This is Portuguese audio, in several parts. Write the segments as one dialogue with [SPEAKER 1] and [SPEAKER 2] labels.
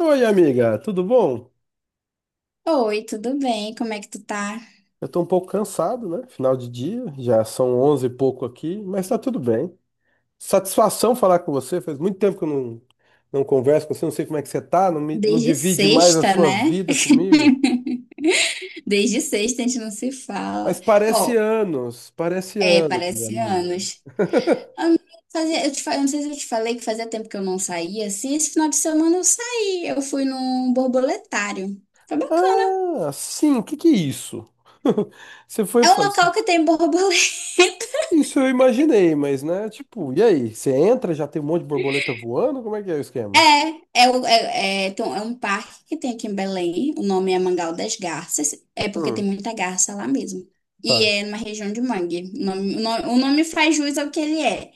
[SPEAKER 1] Oi, amiga, tudo bom?
[SPEAKER 2] Oi, tudo bem? Como é que tu tá?
[SPEAKER 1] Eu tô um pouco cansado, né? Final de dia, já são 11 e pouco aqui, mas tá tudo bem. Satisfação falar com você, faz muito tempo que eu não converso com você, não sei como é que você tá, não, não
[SPEAKER 2] Desde
[SPEAKER 1] divide mais a
[SPEAKER 2] sexta,
[SPEAKER 1] sua
[SPEAKER 2] né?
[SPEAKER 1] vida comigo.
[SPEAKER 2] Desde sexta a gente não se fala.
[SPEAKER 1] Mas
[SPEAKER 2] Ó,
[SPEAKER 1] parece
[SPEAKER 2] é,
[SPEAKER 1] anos, minha
[SPEAKER 2] parece
[SPEAKER 1] amiga.
[SPEAKER 2] anos. Eu eu não sei se eu te falei que fazia tempo que eu não saía, assim, esse final de semana eu saí, eu fui num borboletário. Foi bacana.
[SPEAKER 1] Ah, sim, o que que é isso? Você foi
[SPEAKER 2] É um
[SPEAKER 1] fazer.
[SPEAKER 2] local que tem borboleta.
[SPEAKER 1] Isso eu imaginei, mas né, tipo, e aí? Você entra, já tem um monte de borboleta voando? Como é que é o esquema?
[SPEAKER 2] Tem um um parque que tem aqui em Belém. O nome é Mangal das Garças, é porque
[SPEAKER 1] Hum,
[SPEAKER 2] tem muita garça lá mesmo. E
[SPEAKER 1] tá.
[SPEAKER 2] é numa região de mangue. O nome faz jus ao que ele é.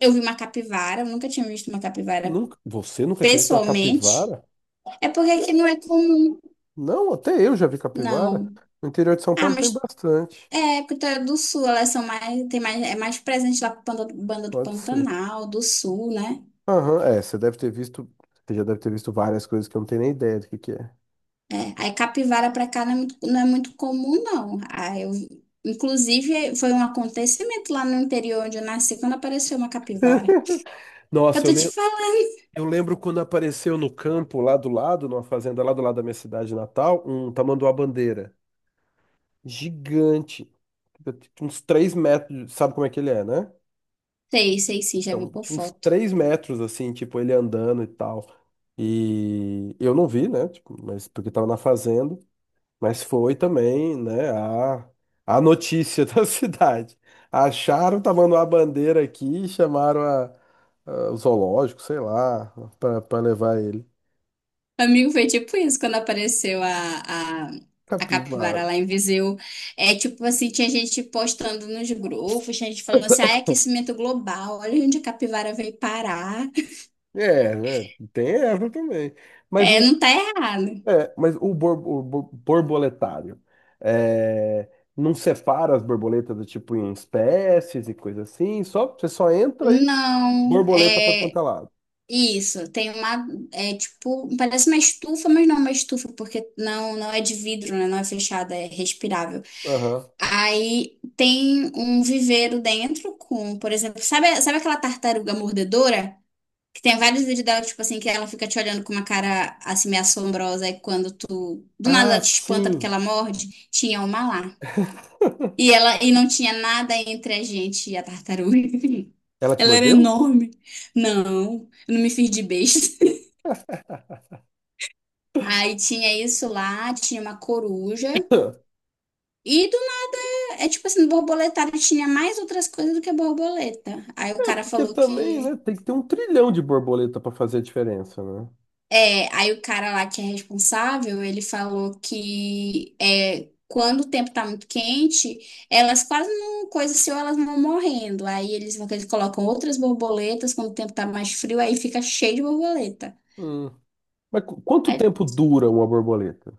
[SPEAKER 2] Eu vi uma capivara, eu nunca tinha visto uma capivara
[SPEAKER 1] Nunca, você nunca tinha visto uma
[SPEAKER 2] pessoalmente.
[SPEAKER 1] capivara?
[SPEAKER 2] É porque aqui não é comum,
[SPEAKER 1] Não, até eu já vi capivara.
[SPEAKER 2] não.
[SPEAKER 1] No interior de São
[SPEAKER 2] Ah,
[SPEAKER 1] Paulo tem
[SPEAKER 2] mas
[SPEAKER 1] bastante.
[SPEAKER 2] é porque tu é do sul, elas são mais, tem mais, é mais presente lá pro banda do
[SPEAKER 1] Pode ser.
[SPEAKER 2] Pantanal, do sul, né?
[SPEAKER 1] Aham, é, você deve ter visto, você já deve ter visto várias coisas que eu não tenho nem ideia do que é.
[SPEAKER 2] É, aí capivara para cá não é muito comum, não. Aí eu, inclusive, foi um acontecimento lá no interior onde eu nasci, quando apareceu uma capivara. Eu
[SPEAKER 1] Nossa, eu
[SPEAKER 2] tô te
[SPEAKER 1] lembro,
[SPEAKER 2] falando.
[SPEAKER 1] eu lembro quando apareceu no campo lá do lado, numa fazenda lá do lado da minha cidade natal, um tamanduá-bandeira. Gigante. Uns 3 metros, sabe como é que ele é, né?
[SPEAKER 2] Sei, sei sim, já vi
[SPEAKER 1] Então,
[SPEAKER 2] por
[SPEAKER 1] tinha uns
[SPEAKER 2] foto.
[SPEAKER 1] 3 metros, assim, tipo, ele andando e tal. E eu não vi, né? Tipo, mas porque tava na fazenda. Mas foi também, né? A notícia da cidade. Acharam, tá mandando a bandeira aqui, chamaram o zoológico, sei lá, pra levar ele.
[SPEAKER 2] Amigo, foi tipo isso, quando apareceu a
[SPEAKER 1] Capivara.
[SPEAKER 2] capivara lá em Viseu. É tipo assim, tinha gente postando nos grupos, tinha gente falando assim, ah, é aquecimento global, olha onde a capivara veio parar.
[SPEAKER 1] É, né? Tem essa também. Mas
[SPEAKER 2] É,
[SPEAKER 1] o,
[SPEAKER 2] não tá errado.
[SPEAKER 1] mas o borboletário é, não separa as borboletas do tipo em espécies e coisa assim, só você só entra e
[SPEAKER 2] Não,
[SPEAKER 1] borboleta para quanto
[SPEAKER 2] é,
[SPEAKER 1] é lado.
[SPEAKER 2] isso, tem uma, é tipo, parece uma estufa, mas não é uma estufa, porque não é de vidro, né? Não é fechada, é respirável.
[SPEAKER 1] Aham.
[SPEAKER 2] Aí tem um viveiro dentro com, por exemplo, sabe, sabe aquela tartaruga mordedora? Que tem vários vídeos dela, tipo assim, que ela fica te olhando com uma cara assim meio assombrosa, e quando tu, do nada
[SPEAKER 1] Ah,
[SPEAKER 2] ela te espanta porque
[SPEAKER 1] sim.
[SPEAKER 2] ela morde, tinha uma lá. E ela, e não tinha nada entre a gente e a tartaruga.
[SPEAKER 1] Ela te
[SPEAKER 2] Ela era
[SPEAKER 1] mordeu?
[SPEAKER 2] enorme. Não, eu não me fiz de besta. Aí tinha isso lá, tinha uma coruja. E do- É tipo assim, no borboletário tinha mais outras coisas do que borboleta. Aí o cara
[SPEAKER 1] Porque
[SPEAKER 2] falou
[SPEAKER 1] também,
[SPEAKER 2] que.
[SPEAKER 1] né, tem que ter um trilhão de borboleta para fazer a diferença, né?
[SPEAKER 2] É, aí o cara lá que é responsável, ele falou que é, quando o tempo tá muito quente, elas quase não coisa assim, ou elas vão morrendo. Aí eles colocam outras borboletas, quando o tempo tá mais frio, aí fica cheio de borboleta.
[SPEAKER 1] Hum. Mas quanto
[SPEAKER 2] Aí,
[SPEAKER 1] tempo dura uma borboleta?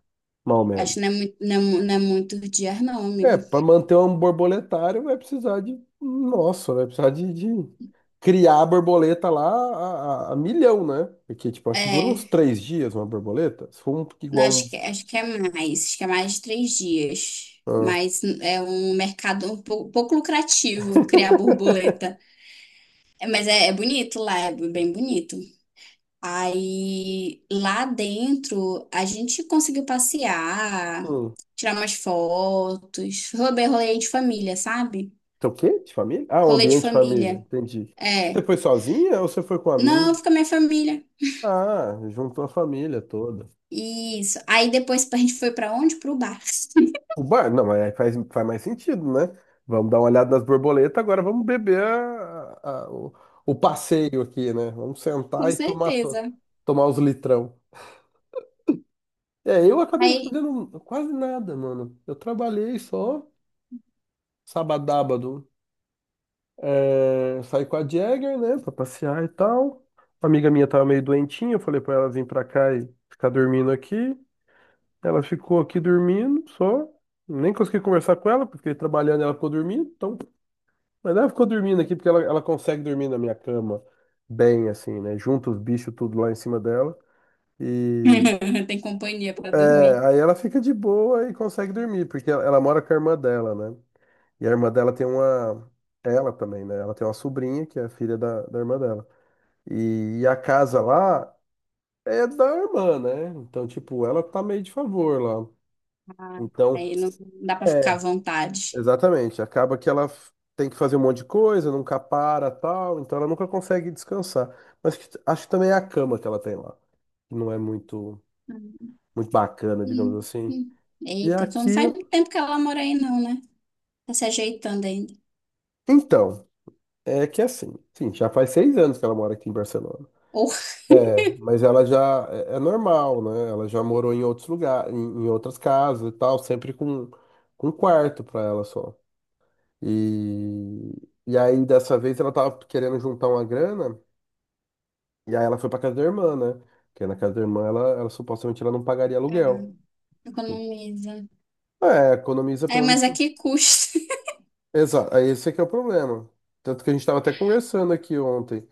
[SPEAKER 1] Mais ou
[SPEAKER 2] acho
[SPEAKER 1] menos.
[SPEAKER 2] que não é muito, não é muito dias, não,
[SPEAKER 1] É,
[SPEAKER 2] amigo.
[SPEAKER 1] para manter um borboletário vai precisar de. Nossa, vai precisar de, criar a borboleta lá a milhão, né? Porque, tipo, acho que dura uns
[SPEAKER 2] É.
[SPEAKER 1] 3 dias uma borboleta. Se for um,
[SPEAKER 2] Não,
[SPEAKER 1] igual um.
[SPEAKER 2] acho que é mais de 3 dias.
[SPEAKER 1] Ah,
[SPEAKER 2] Mas é um mercado pouco lucrativo criar borboleta. É, mas é, é bonito lá, é bem bonito. Aí lá dentro a gente conseguiu passear,
[SPEAKER 1] hum.
[SPEAKER 2] tirar umas fotos, rolê de família, sabe?
[SPEAKER 1] Então, o quê? De família? Ah, um
[SPEAKER 2] Rolê de
[SPEAKER 1] ambiente de
[SPEAKER 2] família.
[SPEAKER 1] família, entendi. Você
[SPEAKER 2] É.
[SPEAKER 1] foi sozinha ou você foi com um
[SPEAKER 2] Não,
[SPEAKER 1] amigo?
[SPEAKER 2] fica minha família.
[SPEAKER 1] Ah, juntou a família toda.
[SPEAKER 2] Isso. Aí depois a gente foi pra onde? Pro bar.
[SPEAKER 1] O bar, não, mas aí faz mais sentido, né? Vamos dar uma olhada nas borboletas, agora vamos beber o passeio aqui, né? Vamos
[SPEAKER 2] Com
[SPEAKER 1] sentar e
[SPEAKER 2] certeza.
[SPEAKER 1] tomar os litrão. É, eu acabei não
[SPEAKER 2] Aí
[SPEAKER 1] fazendo quase nada, mano. Eu trabalhei só sabadábado. É, saí com a Jagger, né, pra passear e tal. Uma amiga minha tava meio doentinha, eu falei pra ela vir pra cá e ficar dormindo aqui. Ela ficou aqui dormindo só. Nem consegui conversar com ela, porque trabalhando e ela ficou dormindo, então. Mas ela ficou dormindo aqui porque ela consegue dormir na minha cama bem, assim, né? Junta os bichos tudo lá em cima dela. E
[SPEAKER 2] tem companhia para
[SPEAKER 1] é,
[SPEAKER 2] dormir.
[SPEAKER 1] aí ela fica de boa e consegue dormir, porque ela mora com a irmã dela, né? E a irmã dela tem uma. Ela também, né? Ela tem uma sobrinha que é filha da irmã dela. E a casa lá é da irmã, né? Então, tipo, ela tá meio de favor lá.
[SPEAKER 2] Ah,
[SPEAKER 1] Então.
[SPEAKER 2] aí não dá para
[SPEAKER 1] é,
[SPEAKER 2] ficar à vontade.
[SPEAKER 1] Exatamente. Acaba que ela tem que fazer um monte de coisa, nunca para, tal, então ela nunca consegue descansar. Mas acho que também é a cama que ela tem lá, que não é muito muito bacana, digamos
[SPEAKER 2] Hum,
[SPEAKER 1] assim.
[SPEAKER 2] hum.
[SPEAKER 1] E
[SPEAKER 2] Eita, então
[SPEAKER 1] aqui,
[SPEAKER 2] não faz muito tempo que ela mora aí, não, né? Tá se ajeitando ainda.
[SPEAKER 1] então, é que é assim, sim, já faz 6 anos que ela mora aqui em Barcelona.
[SPEAKER 2] Ou
[SPEAKER 1] É, mas ela já é normal, né? Ela já morou em outros lugares, em outras casas e tal, sempre com um quarto para ela só. E e aí dessa vez ela tava querendo juntar uma grana. E aí ela foi pra casa da irmã, né? Porque na casa da irmã ela supostamente ela não pagaria
[SPEAKER 2] é,
[SPEAKER 1] aluguel.
[SPEAKER 2] economiza.
[SPEAKER 1] É, economiza
[SPEAKER 2] É,
[SPEAKER 1] pelo menos.
[SPEAKER 2] mas a
[SPEAKER 1] Um.
[SPEAKER 2] que custa?
[SPEAKER 1] Exato, aí esse é que é o problema. Tanto que a gente estava até conversando aqui ontem,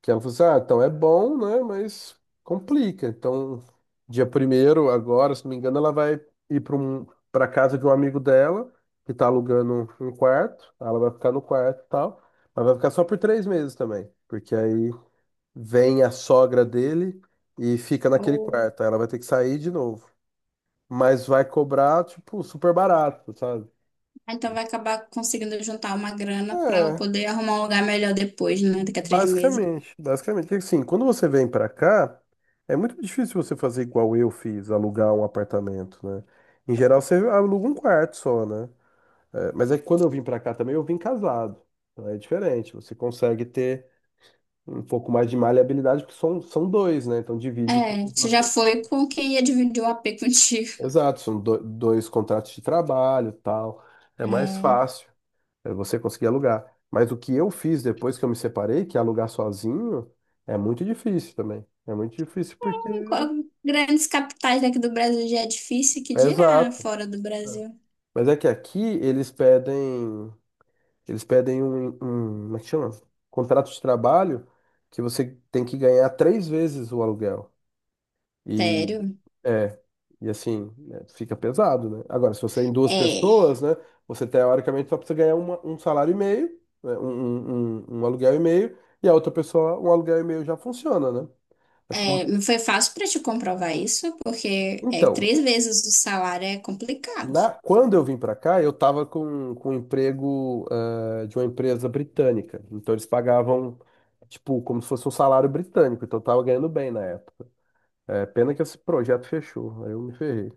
[SPEAKER 1] que ela falou assim, ah, então é bom, né? Mas complica. Então, dia primeiro, agora, se não me engano, ela vai ir para casa de um amigo dela, que tá alugando um quarto. Ela vai ficar no quarto e tal, mas vai ficar só por 3 meses também. Porque aí vem a sogra dele e fica naquele
[SPEAKER 2] Ou
[SPEAKER 1] quarto. Aí ela vai ter que sair de novo. Mas vai cobrar, tipo, super barato, sabe?
[SPEAKER 2] ah, então vai acabar conseguindo juntar uma grana para ela
[SPEAKER 1] É,
[SPEAKER 2] poder arrumar um lugar melhor depois, né? Daqui a 3 meses.
[SPEAKER 1] basicamente. Basicamente. Porque, assim, quando você vem pra cá, é muito difícil você fazer igual eu fiz, alugar um apartamento, né? Em geral, você aluga um quarto só, né? É, mas é que quando eu vim pra cá também, eu vim casado. Então é diferente. Você consegue ter um pouco mais de maleabilidade, porque são dois, né? Então divide tudo
[SPEAKER 2] É,
[SPEAKER 1] em
[SPEAKER 2] você
[SPEAKER 1] duas
[SPEAKER 2] já
[SPEAKER 1] pessoas.
[SPEAKER 2] foi com quem ia dividir o AP contigo.
[SPEAKER 1] Exato, são dois contratos de trabalho, tal. É mais
[SPEAKER 2] É,
[SPEAKER 1] fácil é você conseguir alugar. Mas o que eu fiz depois que eu me separei, que é alugar sozinho, é muito difícil também. É muito difícil porque
[SPEAKER 2] grandes capitais daqui do Brasil já é difícil, que
[SPEAKER 1] é
[SPEAKER 2] dirá
[SPEAKER 1] exato.
[SPEAKER 2] fora do Brasil.
[SPEAKER 1] Mas é que aqui eles pedem como é que chama? Contrato de trabalho que você tem que ganhar 3 vezes o aluguel. E
[SPEAKER 2] Sério?
[SPEAKER 1] é, e assim, né, fica pesado, né? Agora, se você é em duas
[SPEAKER 2] É,
[SPEAKER 1] pessoas, né, você teoricamente só precisa ganhar um salário e meio, né, um aluguel e meio, e a outra pessoa, um aluguel e meio já funciona, né? Mas como-
[SPEAKER 2] é, não foi fácil para te comprovar isso, porque é
[SPEAKER 1] Então,
[SPEAKER 2] três vezes o salário é complicado.
[SPEAKER 1] quando eu vim para cá, eu estava com, um emprego de uma empresa britânica. Então, eles pagavam, tipo, como se fosse um salário britânico. Então, eu estava ganhando bem na época. É, pena que esse projeto fechou, aí eu me ferrei.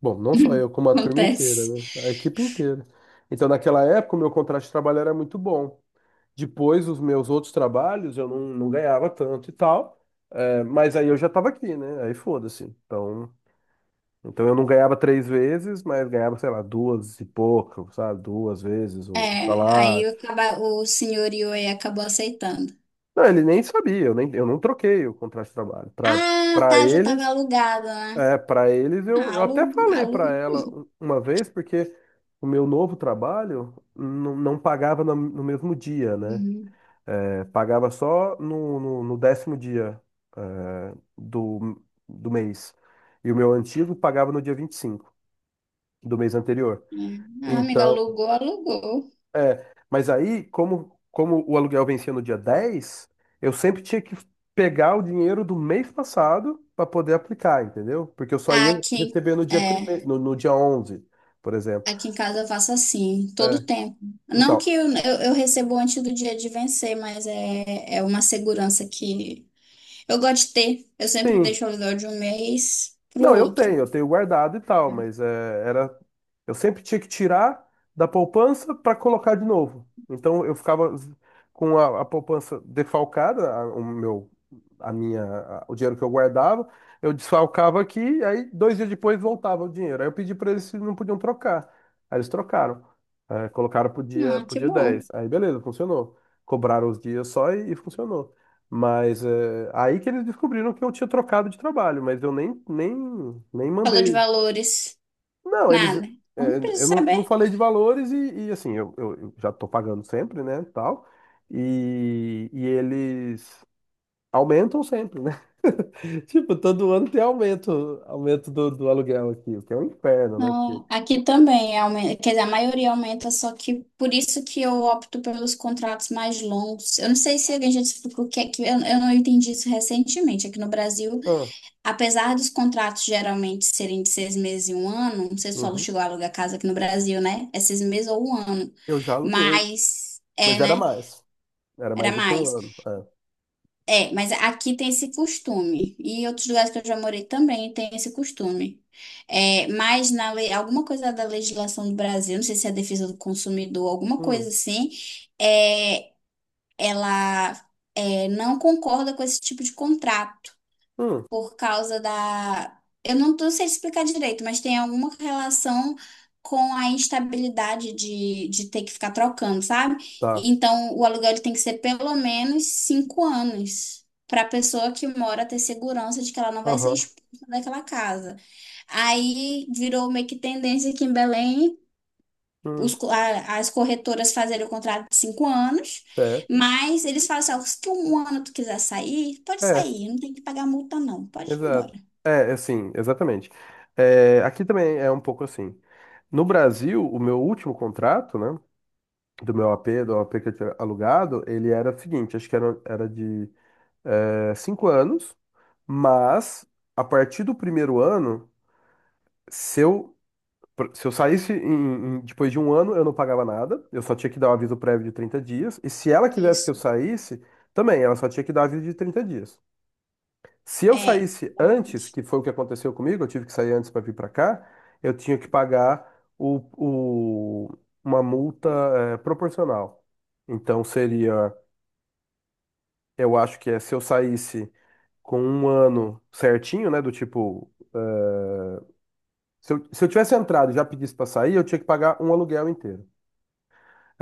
[SPEAKER 1] Bom, não só eu, como a turma inteira,
[SPEAKER 2] Acontece.
[SPEAKER 1] né? A equipe inteira. Então, naquela época, o meu contrato de trabalho era muito bom. Depois, os meus outros trabalhos, eu não ganhava tanto e tal. É, mas aí eu já estava aqui, né? Aí foda-se. Então, eu não ganhava 3 vezes, mas ganhava, sei lá, duas e pouco, sabe? 2 vezes
[SPEAKER 2] É,
[SPEAKER 1] o salário.
[SPEAKER 2] aí o, o senhor Yoi acabou aceitando.
[SPEAKER 1] Não, ele nem sabia, eu, nem, eu não troquei o contrato de trabalho. Para
[SPEAKER 2] Ah,
[SPEAKER 1] para
[SPEAKER 2] tá, já tava
[SPEAKER 1] eles,
[SPEAKER 2] alugado, né?
[SPEAKER 1] É, para eles, eu,
[SPEAKER 2] Ah,
[SPEAKER 1] eu até falei
[SPEAKER 2] alu.
[SPEAKER 1] para ela uma vez, porque o meu novo trabalho não pagava no, mesmo dia, né?
[SPEAKER 2] Uhum,
[SPEAKER 1] É, pagava só no décimo dia, é, do, do mês. E o meu antigo pagava no dia 25 do mês anterior.
[SPEAKER 2] é. Ah, amiga,
[SPEAKER 1] Então,
[SPEAKER 2] alugou.
[SPEAKER 1] Mas aí, como o aluguel vencia no dia 10, eu sempre tinha que pegar o dinheiro do mês passado para poder aplicar, entendeu? Porque eu só
[SPEAKER 2] Ah,
[SPEAKER 1] ia
[SPEAKER 2] aqui,
[SPEAKER 1] receber no dia
[SPEAKER 2] é,
[SPEAKER 1] primeiro, no dia 11, por exemplo.
[SPEAKER 2] aqui em casa eu faço assim,
[SPEAKER 1] É,
[SPEAKER 2] todo tempo. Não que
[SPEAKER 1] então,
[SPEAKER 2] eu recebo antes do dia de vencer, mas é, é uma segurança que eu gosto de ter. Eu sempre
[SPEAKER 1] sim,
[SPEAKER 2] deixo o aluguel de um mês pro
[SPEAKER 1] Não, eu tenho,
[SPEAKER 2] outro.
[SPEAKER 1] eu tenho guardado e tal, mas era, eu sempre tinha que tirar da poupança para colocar de novo. Então eu ficava com a poupança defalcada, a- o meu, a minha, a- o dinheiro que eu guardava, eu desfalcava aqui, aí 2 dias depois voltava o dinheiro. Aí eu pedi para eles se não podiam trocar. Aí eles trocaram, colocaram pro dia,
[SPEAKER 2] Ah,
[SPEAKER 1] pro
[SPEAKER 2] que
[SPEAKER 1] dia
[SPEAKER 2] bom.
[SPEAKER 1] 10. Aí beleza, funcionou. Cobraram os dias só e funcionou. Mas é, aí que eles descobriram que eu tinha trocado de trabalho, mas eu nem, nem
[SPEAKER 2] Falou de
[SPEAKER 1] mandei.
[SPEAKER 2] valores.
[SPEAKER 1] Não, eles.
[SPEAKER 2] Nada. Não
[SPEAKER 1] Eu
[SPEAKER 2] precisa
[SPEAKER 1] não
[SPEAKER 2] saber.
[SPEAKER 1] falei de valores assim, eu, eu já tô pagando sempre, né? Tal. E eles aumentam sempre, né? Tipo, todo ano tem aumento, do aluguel aqui, o que é um inferno, né? Porque,
[SPEAKER 2] Não, aqui também aumenta, quer dizer, a maioria aumenta, só que por isso que eu opto pelos contratos mais longos. Eu não sei se alguém já te explicou o que é que eu não entendi isso recentemente. Aqui no Brasil,
[SPEAKER 1] ah,
[SPEAKER 2] apesar dos contratos geralmente serem de 6 meses e um ano, não sei se o aluno
[SPEAKER 1] uhum,
[SPEAKER 2] chegou a alugar casa aqui no Brasil, né? É 6 meses ou um ano.
[SPEAKER 1] eu já aluguei,
[SPEAKER 2] Mas,
[SPEAKER 1] mas
[SPEAKER 2] é,
[SPEAKER 1] era
[SPEAKER 2] né?
[SPEAKER 1] mais. Era
[SPEAKER 2] Era
[SPEAKER 1] mais do que um
[SPEAKER 2] mais.
[SPEAKER 1] ano. É.
[SPEAKER 2] É, mas aqui tem esse costume. E em outros lugares que eu já morei também tem esse costume. É, mas na lei, alguma coisa da legislação do Brasil, não sei se é a defesa do consumidor, alguma coisa
[SPEAKER 1] Hum,
[SPEAKER 2] assim, é, ela é, não concorda com esse tipo de contrato
[SPEAKER 1] hum,
[SPEAKER 2] por causa da. Eu não tô sei explicar direito, mas tem alguma relação com a instabilidade de ter que ficar trocando, sabe?
[SPEAKER 1] tá.
[SPEAKER 2] Então, o aluguel ele tem que ser pelo menos 5 anos para a pessoa que mora ter segurança de que ela não vai ser
[SPEAKER 1] Aham.
[SPEAKER 2] expulsa daquela casa. Aí virou meio que tendência aqui em Belém.
[SPEAKER 1] hum,
[SPEAKER 2] As corretoras fazerem o contrato de 5 anos,
[SPEAKER 1] certo.
[SPEAKER 2] mas eles falam assim, ó, se tu um ano tu quiser sair, pode
[SPEAKER 1] É.
[SPEAKER 2] sair, não tem que pagar multa não, pode ir
[SPEAKER 1] Exato.
[SPEAKER 2] embora.
[SPEAKER 1] É, assim, exatamente. É, aqui também é um pouco assim. No Brasil, o meu último contrato, né, do meu AP, do AP que eu tinha alugado, ele era o seguinte, acho que era de 5 anos, mas a partir do primeiro ano, se eu, se eu saísse depois de um ano, eu não pagava nada, eu só tinha que dar um aviso prévio de 30 dias, e se ela quisesse que eu
[SPEAKER 2] Isso,
[SPEAKER 1] saísse, também, ela só tinha que dar um aviso de 30 dias. Se eu
[SPEAKER 2] é,
[SPEAKER 1] saísse antes,
[SPEAKER 2] exatamente.
[SPEAKER 1] que foi o que aconteceu comigo, eu tive que sair antes para vir para cá, eu tinha que pagar o, o- uma multa proporcional. Então seria, eu acho que é se eu saísse com um ano certinho, né, do tipo, se eu tivesse entrado e já pedisse para sair, eu tinha que pagar um aluguel inteiro.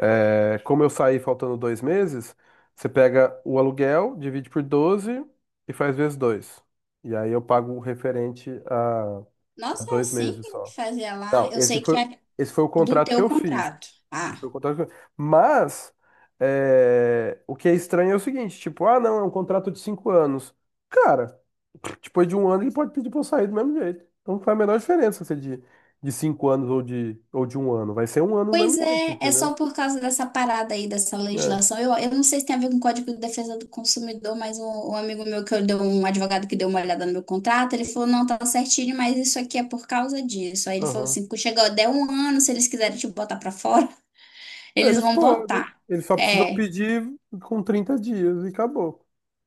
[SPEAKER 1] É, como eu saí faltando 2 meses, você pega o aluguel, divide por 12 e faz vezes 2. E aí eu pago o referente.
[SPEAKER 2] Nossa, é
[SPEAKER 1] Dois
[SPEAKER 2] assim
[SPEAKER 1] meses
[SPEAKER 2] que
[SPEAKER 1] só.
[SPEAKER 2] fazia lá.
[SPEAKER 1] Não,
[SPEAKER 2] Eu
[SPEAKER 1] esse
[SPEAKER 2] sei que
[SPEAKER 1] foi,
[SPEAKER 2] é
[SPEAKER 1] esse foi o
[SPEAKER 2] do
[SPEAKER 1] contrato que
[SPEAKER 2] teu
[SPEAKER 1] eu fiz.
[SPEAKER 2] contrato.
[SPEAKER 1] Esse
[SPEAKER 2] Ah,
[SPEAKER 1] foi o contrato Mas é, o que é estranho é o seguinte, tipo, ah, não, é um contrato de 5 anos. Cara, depois de um ano ele pode pedir pra eu sair do mesmo jeito. Então não faz a menor diferença se é de 5 anos ou de um ano. Vai ser um ano do
[SPEAKER 2] pois
[SPEAKER 1] mesmo jeito,
[SPEAKER 2] é, é só
[SPEAKER 1] entendeu?
[SPEAKER 2] por causa dessa parada aí, dessa
[SPEAKER 1] É,
[SPEAKER 2] legislação. Eu não sei se tem a ver com o Código de Defesa do Consumidor, mas um amigo meu que eu deu, um advogado que deu uma olhada no meu contrato, ele falou, não, tá certinho, mas isso aqui é por causa disso. Aí ele falou
[SPEAKER 1] aham.
[SPEAKER 2] assim, quando chegar, der um ano, se eles quiserem te botar pra fora, eles
[SPEAKER 1] Eles
[SPEAKER 2] vão
[SPEAKER 1] podem.
[SPEAKER 2] botar.
[SPEAKER 1] Eles só precisam
[SPEAKER 2] É,
[SPEAKER 1] pedir com 30 dias e acabou.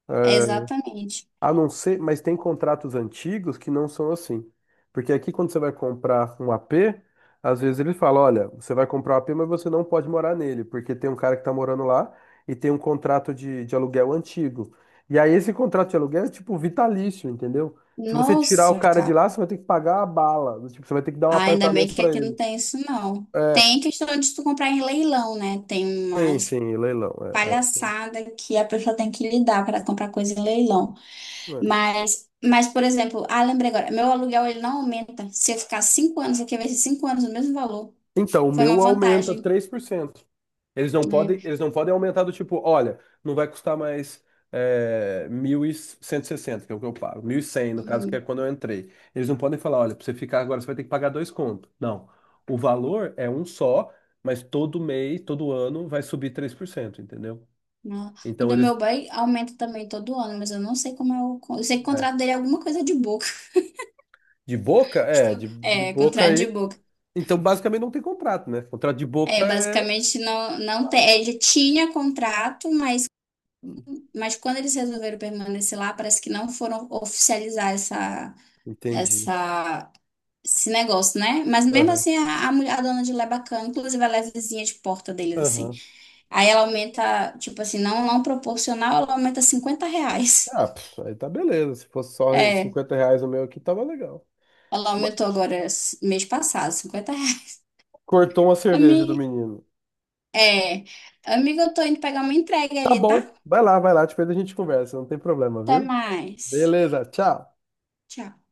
[SPEAKER 1] É,
[SPEAKER 2] exatamente.
[SPEAKER 1] a não ser, mas tem contratos antigos que não são assim. Porque aqui, quando você vai comprar um AP, às vezes ele fala: olha, você vai comprar um AP, mas você não pode morar nele, porque tem um cara que está morando lá e tem um contrato de aluguel antigo. E aí, esse contrato de aluguel é tipo vitalício, entendeu? Se você tirar o
[SPEAKER 2] Nossa,
[SPEAKER 1] cara
[SPEAKER 2] cara.
[SPEAKER 1] de lá, você vai ter que pagar a bala. Tipo, você vai ter que dar um
[SPEAKER 2] Ah, ainda bem
[SPEAKER 1] apartamento
[SPEAKER 2] que
[SPEAKER 1] para
[SPEAKER 2] aqui não
[SPEAKER 1] ele.
[SPEAKER 2] tem isso, não.
[SPEAKER 1] É,
[SPEAKER 2] Tem questão de tu comprar em leilão, né? Tem
[SPEAKER 1] sim,
[SPEAKER 2] umas
[SPEAKER 1] sim, leilão. É.
[SPEAKER 2] palhaçadas que a pessoa tem que lidar para comprar coisa em leilão.
[SPEAKER 1] É.
[SPEAKER 2] Mas, por exemplo, ah, lembrei agora, meu aluguel ele não aumenta. Se eu ficar 5 anos aqui, vai ser 5 anos o mesmo valor.
[SPEAKER 1] Então, o
[SPEAKER 2] Foi uma
[SPEAKER 1] meu aumenta
[SPEAKER 2] vantagem,
[SPEAKER 1] 3%. Eles não
[SPEAKER 2] né?
[SPEAKER 1] podem, eles não podem aumentar do tipo, olha, não vai custar mais 1.160, que é o que eu pago. 1.100 no caso, que é
[SPEAKER 2] Uhum.
[SPEAKER 1] quando eu entrei. Eles não podem falar, olha, para você ficar agora, você vai ter que pagar dois contos. Não. O valor é um só, mas todo mês, todo ano, vai subir 3%, entendeu?
[SPEAKER 2] Não. O
[SPEAKER 1] Então,
[SPEAKER 2] do meu
[SPEAKER 1] eles...
[SPEAKER 2] boy aumenta também todo ano, mas eu não sei como é o con- eu sei que o
[SPEAKER 1] é,
[SPEAKER 2] contrato dele é alguma coisa de boca.
[SPEAKER 1] de boca? É, de, de
[SPEAKER 2] É,
[SPEAKER 1] boca
[SPEAKER 2] contrato de
[SPEAKER 1] aí.
[SPEAKER 2] boca.
[SPEAKER 1] Então, basicamente, não tem contrato, né? Contrato de
[SPEAKER 2] É,
[SPEAKER 1] boca é...
[SPEAKER 2] basicamente não, não tem. Ele tinha contrato, mas quando eles resolveram permanecer lá, parece que não foram oficializar
[SPEAKER 1] Entendi.
[SPEAKER 2] essa, esse negócio, né? Mas mesmo
[SPEAKER 1] Aham,
[SPEAKER 2] assim, a dona de lá é bacana, inclusive ela é vizinha de porta deles, assim.
[SPEAKER 1] aham.
[SPEAKER 2] Aí ela aumenta, tipo assim, não proporcional, ela aumenta R$ 50.
[SPEAKER 1] Ah, pff, aí tá beleza. Se fosse só
[SPEAKER 2] É,
[SPEAKER 1] R$ 50 o meu aqui, tava legal.
[SPEAKER 2] ela
[SPEAKER 1] Ma-
[SPEAKER 2] aumentou agora mês passado, R$ 50.
[SPEAKER 1] Cortou uma cerveja do
[SPEAKER 2] Ami-
[SPEAKER 1] menino.
[SPEAKER 2] é, amiga, eu tô indo pegar uma entrega
[SPEAKER 1] Tá
[SPEAKER 2] ali, tá?
[SPEAKER 1] bom, vai lá, depois a gente conversa, não tem problema,
[SPEAKER 2] Até
[SPEAKER 1] viu?
[SPEAKER 2] mais.
[SPEAKER 1] Beleza, tchau.
[SPEAKER 2] Tchau.